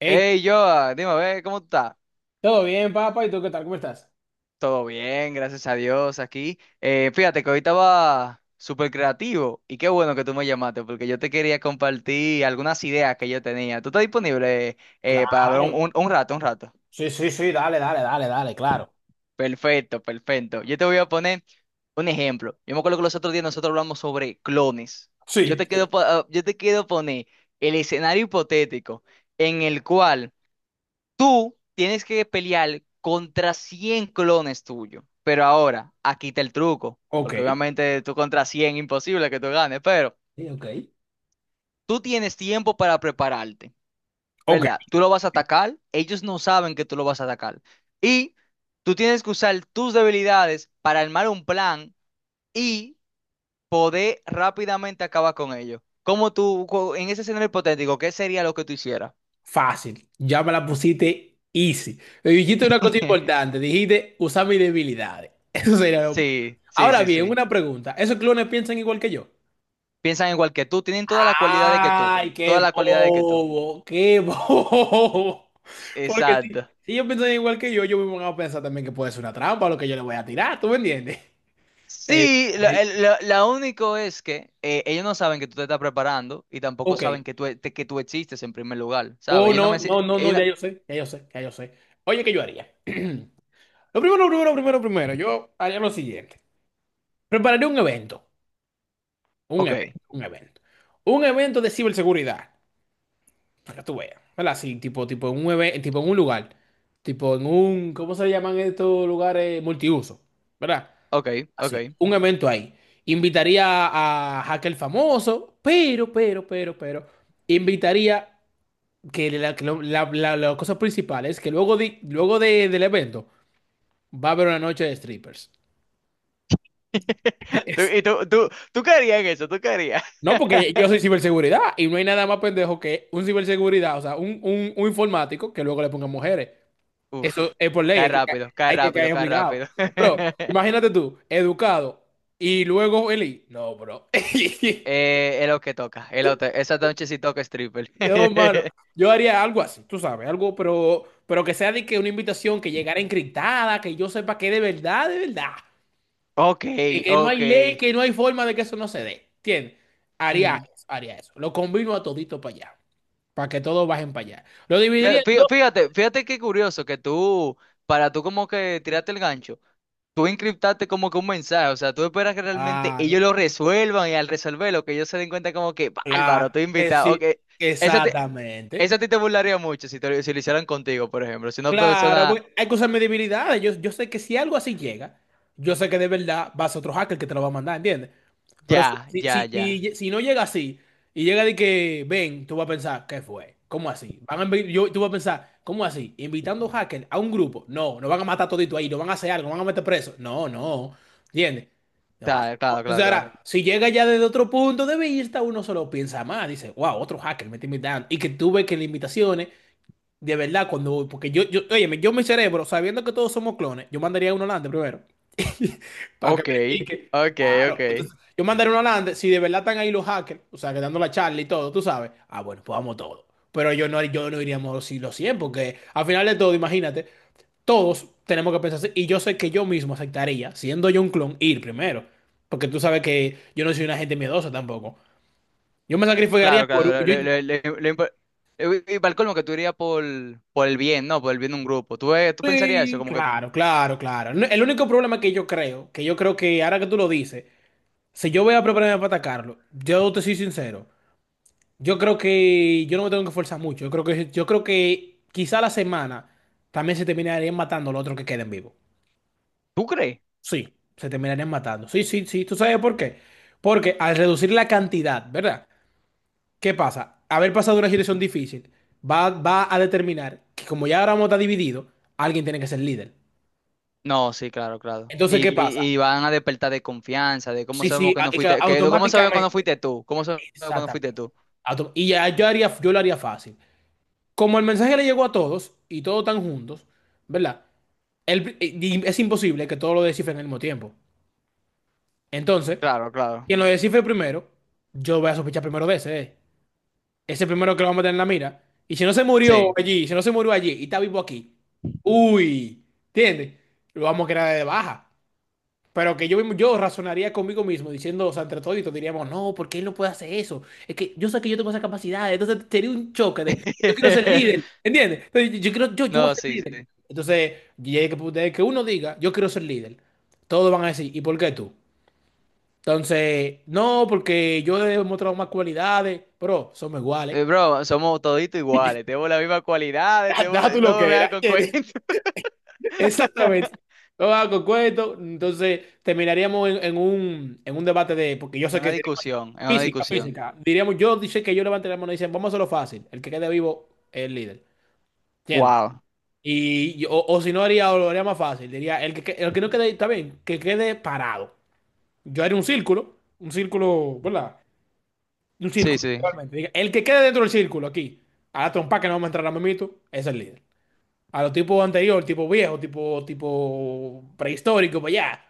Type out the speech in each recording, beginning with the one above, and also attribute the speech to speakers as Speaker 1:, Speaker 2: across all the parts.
Speaker 1: Hey,
Speaker 2: Hey, Joa, dime, a ver, ¿cómo tú estás?
Speaker 1: ¿todo bien, papá? ¿Y tú qué tal? ¿Cómo estás?
Speaker 2: Todo bien, gracias a Dios, aquí. Fíjate que hoy estaba súper creativo y qué bueno que tú me llamaste porque yo te quería compartir algunas ideas que yo tenía. ¿Tú estás disponible para
Speaker 1: Claro.
Speaker 2: hablar un rato, un rato,
Speaker 1: Sí, sí, sí, dale, dale, dale, dale, claro.
Speaker 2: Perfecto, perfecto. Yo te voy a poner un ejemplo. Yo me acuerdo que los otros días nosotros hablamos sobre clones. Yo
Speaker 1: Sí,
Speaker 2: te quiero, po- ah, yo te quiero poner el escenario hipotético en el cual. Tú tienes que pelear contra 100 clones tuyos. Pero ahora, aquí está el truco.
Speaker 1: ok.
Speaker 2: Porque obviamente tú contra 100, imposible que tú ganes. Pero
Speaker 1: Sí, ok.
Speaker 2: tú tienes tiempo para prepararte,
Speaker 1: Ok.
Speaker 2: ¿verdad? Tú lo vas a atacar. Ellos no saben que tú lo vas a atacar. Y tú tienes que usar tus debilidades para armar un plan y poder rápidamente acabar con ellos. Como tú, en ese escenario hipotético, ¿qué sería lo que tú hicieras?
Speaker 1: Fácil. Ya me la pusiste easy. Me dijiste una cosa importante. Dijiste usar mis debilidades. Eso sería lo.
Speaker 2: Sí, sí,
Speaker 1: Ahora
Speaker 2: sí,
Speaker 1: bien,
Speaker 2: sí.
Speaker 1: una pregunta. ¿Esos clones piensan igual que yo?
Speaker 2: Piensan igual que tú, tienen toda la cualidad de que tú,
Speaker 1: ¡Ay,
Speaker 2: toda
Speaker 1: qué
Speaker 2: la cualidad de que tú.
Speaker 1: bobo! ¡Qué bobo! Porque si,
Speaker 2: Exacto.
Speaker 1: si ellos piensan igual que yo me voy a pensar también que puede ser una trampa lo que yo le voy a tirar. ¿Tú me entiendes? Eh,
Speaker 2: Sí, lo,
Speaker 1: eh,
Speaker 2: el- lo- la único es que ellos no saben que tú te estás preparando y tampoco
Speaker 1: ok.
Speaker 2: saben que tú, que tú existes en primer lugar, ¿sabes?
Speaker 1: Oh,
Speaker 2: Ellos no
Speaker 1: no,
Speaker 2: me... si-
Speaker 1: no, no, no,
Speaker 2: ellos no-
Speaker 1: ya yo sé, ya yo sé, ya yo sé. Oye, ¿qué yo haría? Lo primero, lo primero, lo primero, primero, yo haría lo siguiente. Prepararé un evento, un
Speaker 2: Ok,
Speaker 1: evento, un evento. Un evento de ciberseguridad, para que tú veas, ¿verdad? Así, tipo, tipo en un lugar, tipo en un, ¿cómo se llaman estos lugares? Multiuso, ¿verdad?
Speaker 2: ok,
Speaker 1: Así,
Speaker 2: ok.
Speaker 1: un evento ahí. Invitaría a hacker famoso, pero, invitaría que la, que lo- la- la- la cosa principal es que luego del evento va a haber una noche de strippers. Es-
Speaker 2: Y tú caerías en eso, tú caerías.
Speaker 1: No, porque yo soy ciberseguridad y no hay nada más pendejo que un ciberseguridad, o sea, un informático que luego le ponga mujeres.
Speaker 2: Uf,
Speaker 1: Eso es por ley,
Speaker 2: cae rápido, cae
Speaker 1: hay que
Speaker 2: rápido,
Speaker 1: caer
Speaker 2: cae
Speaker 1: obligado.
Speaker 2: rápido.
Speaker 1: Pero imagínate tú, educado y luego Eli. No, bro.
Speaker 2: Es lo que toca, esa noche sí toca stripper.
Speaker 1: No, mano. Yo haría algo así, tú sabes, algo, pero que sea de que una invitación que llegara encriptada, que yo sepa que de verdad, de verdad.
Speaker 2: Ok,
Speaker 1: Que no hay
Speaker 2: ok.
Speaker 1: ley, que no hay forma de que eso no se dé. ¿Entiendes? Haría
Speaker 2: Mm.
Speaker 1: eso, haría eso. Lo combino a todito para allá, para que todos bajen para allá. Lo dividiría en
Speaker 2: Fíjate, fí-
Speaker 1: dos.
Speaker 2: fíjate fíjate qué curioso que tú, para tú como que tiraste el gancho, tú encriptaste como que un mensaje, o sea, tú esperas que realmente
Speaker 1: Claro,
Speaker 2: ellos lo resuelvan y al resolverlo, que ellos se den cuenta como que, bárbaro,
Speaker 1: claro,
Speaker 2: estoy
Speaker 1: que
Speaker 2: invitado,
Speaker 1: sí,
Speaker 2: ok, esa, te- esa
Speaker 1: exactamente.
Speaker 2: a ti te burlaría mucho si lo hicieran contigo, por ejemplo, si una
Speaker 1: Claro,
Speaker 2: persona,
Speaker 1: porque hay que usar mis debilidades. Yo sé que si algo así llega, yo sé que de verdad va a ser otro hacker que te lo va a mandar, ¿entiendes? Pero si,
Speaker 2: ya,
Speaker 1: si,
Speaker 2: ya,
Speaker 1: si,
Speaker 2: ya,
Speaker 1: si- si no llega así y llega de que ven, tú vas a pensar, ¿qué fue? ¿Cómo así? Van a invi- yo, Tú vas a pensar, ¿cómo así? Invitando hackers a un grupo. No, no van a matar todito ahí, no van a hacer algo, no van a meter preso. No, no. ¿Entiendes? No, así
Speaker 2: claro,
Speaker 1: no.
Speaker 2: claro, claro,
Speaker 1: Entonces
Speaker 2: claro,
Speaker 1: ahora, si llega ya desde otro punto de vista, uno solo piensa más, dice, wow, otro hacker me está invitando. Y que tú ves que las invitaciones, de verdad, cuando, porque óyeme, yo mi cerebro, sabiendo que todos somos clones, yo mandaría uno adelante primero. Para que
Speaker 2: ok,
Speaker 1: verifique.
Speaker 2: ok,
Speaker 1: Claro.
Speaker 2: ok,
Speaker 1: Entonces, yo mandaré una Holanda. Si de verdad están ahí los hackers, o sea, que dando la charla y todo, tú sabes. Ah, bueno, pues vamos todos. Pero yo no, iríamos si los 100, porque al final de todo, imagínate, todos tenemos que pensar así. Y yo sé que yo mismo aceptaría, siendo yo un clon, ir primero. Porque tú sabes que yo no soy una gente miedosa tampoco. Yo me sacrificaría
Speaker 2: claro,
Speaker 1: por,
Speaker 2: claro,
Speaker 1: yo,
Speaker 2: y para el colmo que tú irías por el bien, ¿no? Por el bien de un grupo, ¿tú pensarías eso,
Speaker 1: sí,
Speaker 2: como que.
Speaker 1: claro, claro, claro. No. El único problema que yo creo, que yo creo que ahora que tú lo dices, si yo voy a prepararme para atacarlo, yo te soy sincero. Yo creo que yo no me tengo que esforzar mucho. Yo creo que quizá la semana también se terminarían matando los otros que queden vivos.
Speaker 2: ¿Tú crees?
Speaker 1: Sí, se terminarían matando. Sí, sí, sí. ¿Tú sabes por qué? Porque al reducir la cantidad, ¿verdad? ¿Qué pasa? Haber pasado una situación difícil va a determinar que, como ya ahora vamos a estar divididos, alguien tiene que ser líder.
Speaker 2: No, sí, claro, claro.
Speaker 1: Entonces, ¿qué, sí,
Speaker 2: Y,
Speaker 1: pasa?
Speaker 2: y, y van a despertar de confianza, de cómo
Speaker 1: Sí,
Speaker 2: sabemos
Speaker 1: sí,
Speaker 2: que no
Speaker 1: es que
Speaker 2: fuiste, que cómo sabemos que no
Speaker 1: automáticamente.
Speaker 2: fuiste tú, cómo sabemos que no fuiste
Speaker 1: Exactamente.
Speaker 2: tú.
Speaker 1: Y ya yo lo haría fácil, como el mensaje le llegó a todos y todos están juntos, ¿verdad? Y es imposible que todos lo descifren al mismo tiempo. Entonces,
Speaker 2: Claro, claro.
Speaker 1: quien lo descifre primero, yo voy a sospechar primero de ese. Ese primero que lo vamos a tener en la mira. Y si no se murió
Speaker 2: Sí.
Speaker 1: allí, si no se murió allí y está vivo aquí, uy, ¿entiendes? Lo vamos a quedar de baja. Pero que yo, yo razonaría conmigo mismo diciendo, o sea, entre toditos diríamos, no, ¿por qué él no puede hacer eso? Es que yo sé que yo tengo esa capacidad, entonces sería un choque de, yo quiero ser líder, ¿entiendes? Entonces, yo voy a
Speaker 2: No,
Speaker 1: ser
Speaker 2: sí,
Speaker 1: líder.
Speaker 2: sí.
Speaker 1: Entonces, y es que, desde que uno diga, yo quiero ser líder, todos van a decir, ¿y por qué tú? Entonces, no, porque yo he demostrado más cualidades, pero somos iguales.
Speaker 2: Bro, somos toditos iguales, tenemos las mismas cualidades,
Speaker 1: Da,
Speaker 2: tenemos,
Speaker 1: da tú lo
Speaker 2: no me
Speaker 1: que
Speaker 2: veas
Speaker 1: era.
Speaker 2: con cuentos.
Speaker 1: Exactamente. No va con cuento. Entonces, terminaríamos en un debate de. Porque yo
Speaker 2: Es
Speaker 1: sé
Speaker 2: una
Speaker 1: que sería más
Speaker 2: discusión, es una
Speaker 1: física,
Speaker 2: discusión.
Speaker 1: física. Diríamos, yo dice que yo levanté la mano y dicen, vamos a hacerlo fácil. El que quede vivo es el líder. ¿Entiendes?
Speaker 2: Wow.
Speaker 1: O si no haría, o lo haría más fácil. Diría, el que no quede, está bien, que quede parado. Yo haría un círculo. Un círculo, ¿verdad? Un
Speaker 2: Sí,
Speaker 1: círculo,
Speaker 2: sí.
Speaker 1: realmente. Diga, el que quede dentro del círculo aquí, a la trompa que no vamos a entrar a mamito, es el líder. A los tipos anteriores, tipo viejo, tipo, tipo prehistórico, pues ya.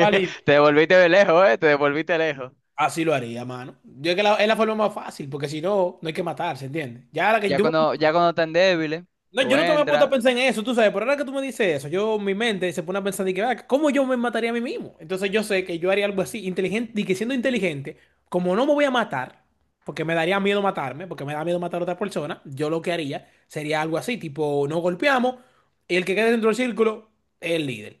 Speaker 1: Vale,
Speaker 2: Te devolviste de lejos, ¿eh? Te devolviste lejos.
Speaker 1: así lo haría, mano. Yo creo que es la forma más fácil, porque si no, no hay que matarse, ¿entiendes? Ya ahora que
Speaker 2: Ya
Speaker 1: yo,
Speaker 2: cuando, ya cuando están débiles,
Speaker 1: no, yo
Speaker 2: tú
Speaker 1: nunca me he puesto a
Speaker 2: entras.
Speaker 1: pensar en eso, tú sabes, pero ahora que tú me dices eso, yo, mi mente se pone a pensar de que, ah, ¿cómo yo me mataría a mí mismo? Entonces yo sé que yo haría algo así, inteligente, y que siendo inteligente, como no me voy a matar, porque me daría miedo matarme, porque me da miedo matar a otra persona, yo lo que haría sería algo así, tipo, no golpeamos, y el que quede dentro del círculo es el líder.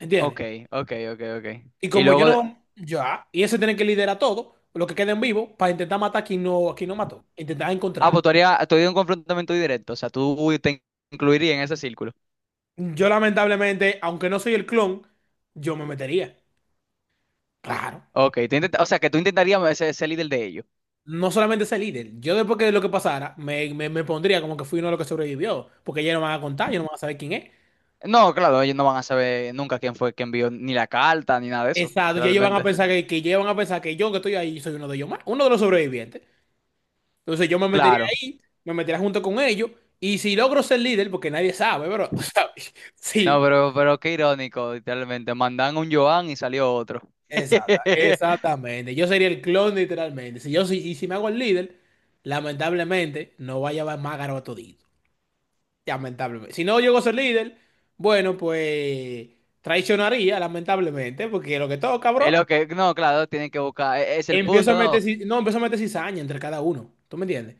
Speaker 1: ¿Entiendes?
Speaker 2: Ok, ok, ok, ok.
Speaker 1: Y
Speaker 2: Y
Speaker 1: como yo
Speaker 2: luego,
Speaker 1: no, ya, y ese tiene que liderar todo, lo que queda en vivo, para intentar matar a quien no mató, intentar
Speaker 2: ah,
Speaker 1: encontrarlo.
Speaker 2: pues tú harías, un confrontamiento directo, o sea, tú te incluirías en ese círculo.
Speaker 1: Yo lamentablemente, aunque no soy el clon, yo me metería. Claro.
Speaker 2: Ok, o sea, que tú intentarías ser líder de ellos.
Speaker 1: No solamente ese líder, yo después que lo que pasara, me pondría como que fui uno de los que sobrevivió, porque ya no van a contar, ya no van a saber quién es.
Speaker 2: No, claro, ellos no van a saber nunca quién fue quien envió ni la carta, ni nada de eso,
Speaker 1: Exacto, y ellos van a
Speaker 2: literalmente.
Speaker 1: pensar que, ellos van a pensar que yo que estoy ahí soy uno de ellos más, uno de los sobrevivientes. Entonces yo me metería
Speaker 2: Claro.
Speaker 1: ahí, me metería junto con ellos, y si logro ser líder, porque nadie sabe, bro, ¿sabes? Sí.
Speaker 2: No, pero qué irónico, literalmente. Mandan un Joan y salió otro.
Speaker 1: Exactamente. Yo sería el clon literalmente. Si yo soy, y si me hago el líder, lamentablemente no va a llevar más garoto todito. Lamentablemente. Si no llego a ser líder, bueno, pues traicionaría, lamentablemente, porque lo que todo, cabrón,
Speaker 2: No, claro, tienen que buscar, es el
Speaker 1: empiezo a
Speaker 2: punto,
Speaker 1: meter,
Speaker 2: ¿no?
Speaker 1: no, empiezo a meter cizaña entre cada uno. ¿Tú me entiendes?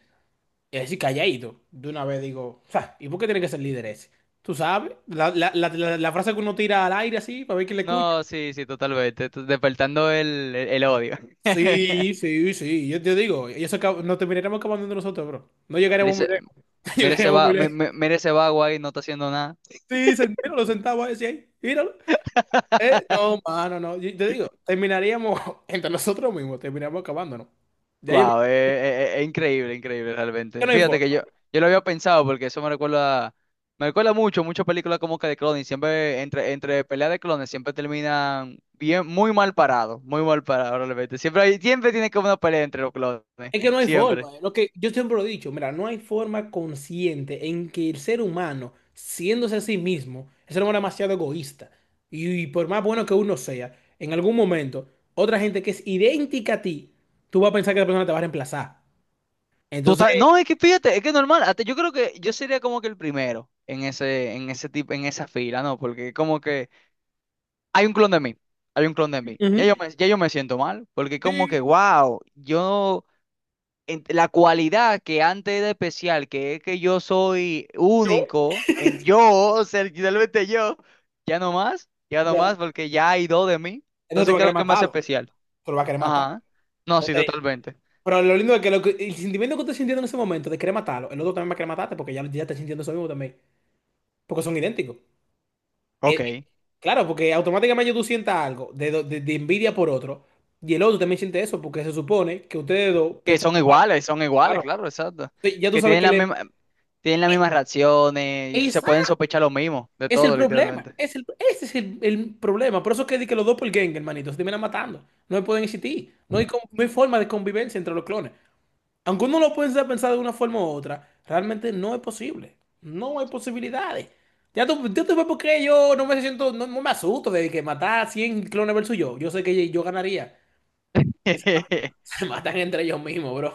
Speaker 1: Y así calladito. De una vez digo, "Fa, ¿y por qué tiene que ser líder ese? Tú sabes, la frase que uno tira al aire así, para ver quién le escucha".
Speaker 2: No, sí, sí, totalmente, despertando el odio.
Speaker 1: Sí, sí, sí. Yo te digo, y eso nos terminaremos acabando entre nosotros, bro. No
Speaker 2: Mira
Speaker 1: llegaríamos muy
Speaker 2: ese,
Speaker 1: lejos. No
Speaker 2: mira ese
Speaker 1: llegaremos muy
Speaker 2: va, mi-
Speaker 1: lejos.
Speaker 2: mi- mira ese vago ahí, no está haciendo nada.
Speaker 1: Sí, míralo sentado ahí, sí, ahí, míralo. No, mano, no. Yo te digo, terminaríamos entre nosotros mismos, terminaríamos acabándonos. Ya yo,
Speaker 2: Guau, es increíble, increíble
Speaker 1: que
Speaker 2: realmente.
Speaker 1: no hay
Speaker 2: Fíjate
Speaker 1: forma.
Speaker 2: que yo lo había pensado porque eso me recuerda mucho, muchas películas como que de clones, siempre entre peleas de clones siempre terminan bien, muy mal parados realmente. Siempre tiene como una pelea entre los clones,
Speaker 1: Es que no hay
Speaker 2: siempre.
Speaker 1: forma. Lo que yo siempre lo he dicho, mira, no hay forma consciente en que el ser humano, siéndose a sí mismo, el ser humano es demasiado egoísta. Y por más bueno que uno sea, en algún momento, otra gente que es idéntica a ti, tú vas a pensar que la persona te va a reemplazar. Entonces,
Speaker 2: Total, no, es que fíjate, es que es normal, hasta yo creo que yo sería como que el primero en ese tipo, en esa fila, ¿no? Porque como que hay un clon de mí, hay un clon de mí. Ya yo
Speaker 1: ujú,
Speaker 2: me, ya yo me siento mal, porque como
Speaker 1: sí,
Speaker 2: que, wow, yo, la cualidad que antes era especial, que es que yo soy
Speaker 1: yo.
Speaker 2: único en yo, ser literalmente yo, ya no
Speaker 1: Ya.
Speaker 2: más, porque ya hay dos de mí.
Speaker 1: Entonces tú
Speaker 2: Entonces,
Speaker 1: vas a
Speaker 2: ¿qué es
Speaker 1: querer
Speaker 2: lo que me hace
Speaker 1: matarlo.
Speaker 2: especial?
Speaker 1: Tú lo vas a querer matar.
Speaker 2: Ajá. No, sí,
Speaker 1: Entonces,
Speaker 2: totalmente.
Speaker 1: pero lo lindo es que, el sentimiento que tú estás sintiendo en ese momento de querer matarlo, el otro también va a querer matarte porque ya, ya está sintiendo eso mismo también. Porque son idénticos. Eh,
Speaker 2: Ok.
Speaker 1: claro, porque automáticamente tú sientas algo de, de envidia por otro, y el otro también siente eso, porque se supone que ustedes dos
Speaker 2: Que
Speaker 1: piensan igual.
Speaker 2: son iguales,
Speaker 1: Claro.
Speaker 2: claro, exacto.
Speaker 1: Entonces, ya tú
Speaker 2: Que
Speaker 1: sabes
Speaker 2: tienen
Speaker 1: que
Speaker 2: la
Speaker 1: le.
Speaker 2: misma, tienen las mismas reacciones, y se
Speaker 1: Esa
Speaker 2: pueden sospechar lo mismo, de
Speaker 1: es el
Speaker 2: todo,
Speaker 1: problema,
Speaker 2: literalmente.
Speaker 1: ese es el problema. Por eso es que di que los dos por doppelgangers, hermanito, se terminan matando. No pueden existir, no hay, no hay forma de convivencia entre los clones. Aunque uno lo pueda pensar de una forma u otra, realmente no es posible. No hay posibilidades. Ya tú ves por qué yo no me siento, no, no me asusto de que matar 100 clones versus yo. Yo sé que yo ganaría. Que Se se matan entre ellos mismos, bro.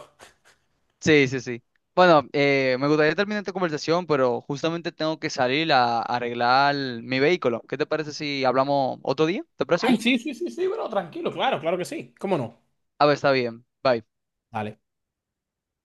Speaker 2: Sí, sí, sí. Bueno, me gustaría terminar esta conversación, pero justamente tengo que salir a arreglar mi vehículo. ¿Qué te parece si hablamos otro día? ¿Te parece
Speaker 1: Ay,
Speaker 2: bien?
Speaker 1: sí, sí, sí, sí, bro, tranquilo, claro, claro que sí. ¿Cómo no?
Speaker 2: A ver, está bien. Bye.
Speaker 1: Dale.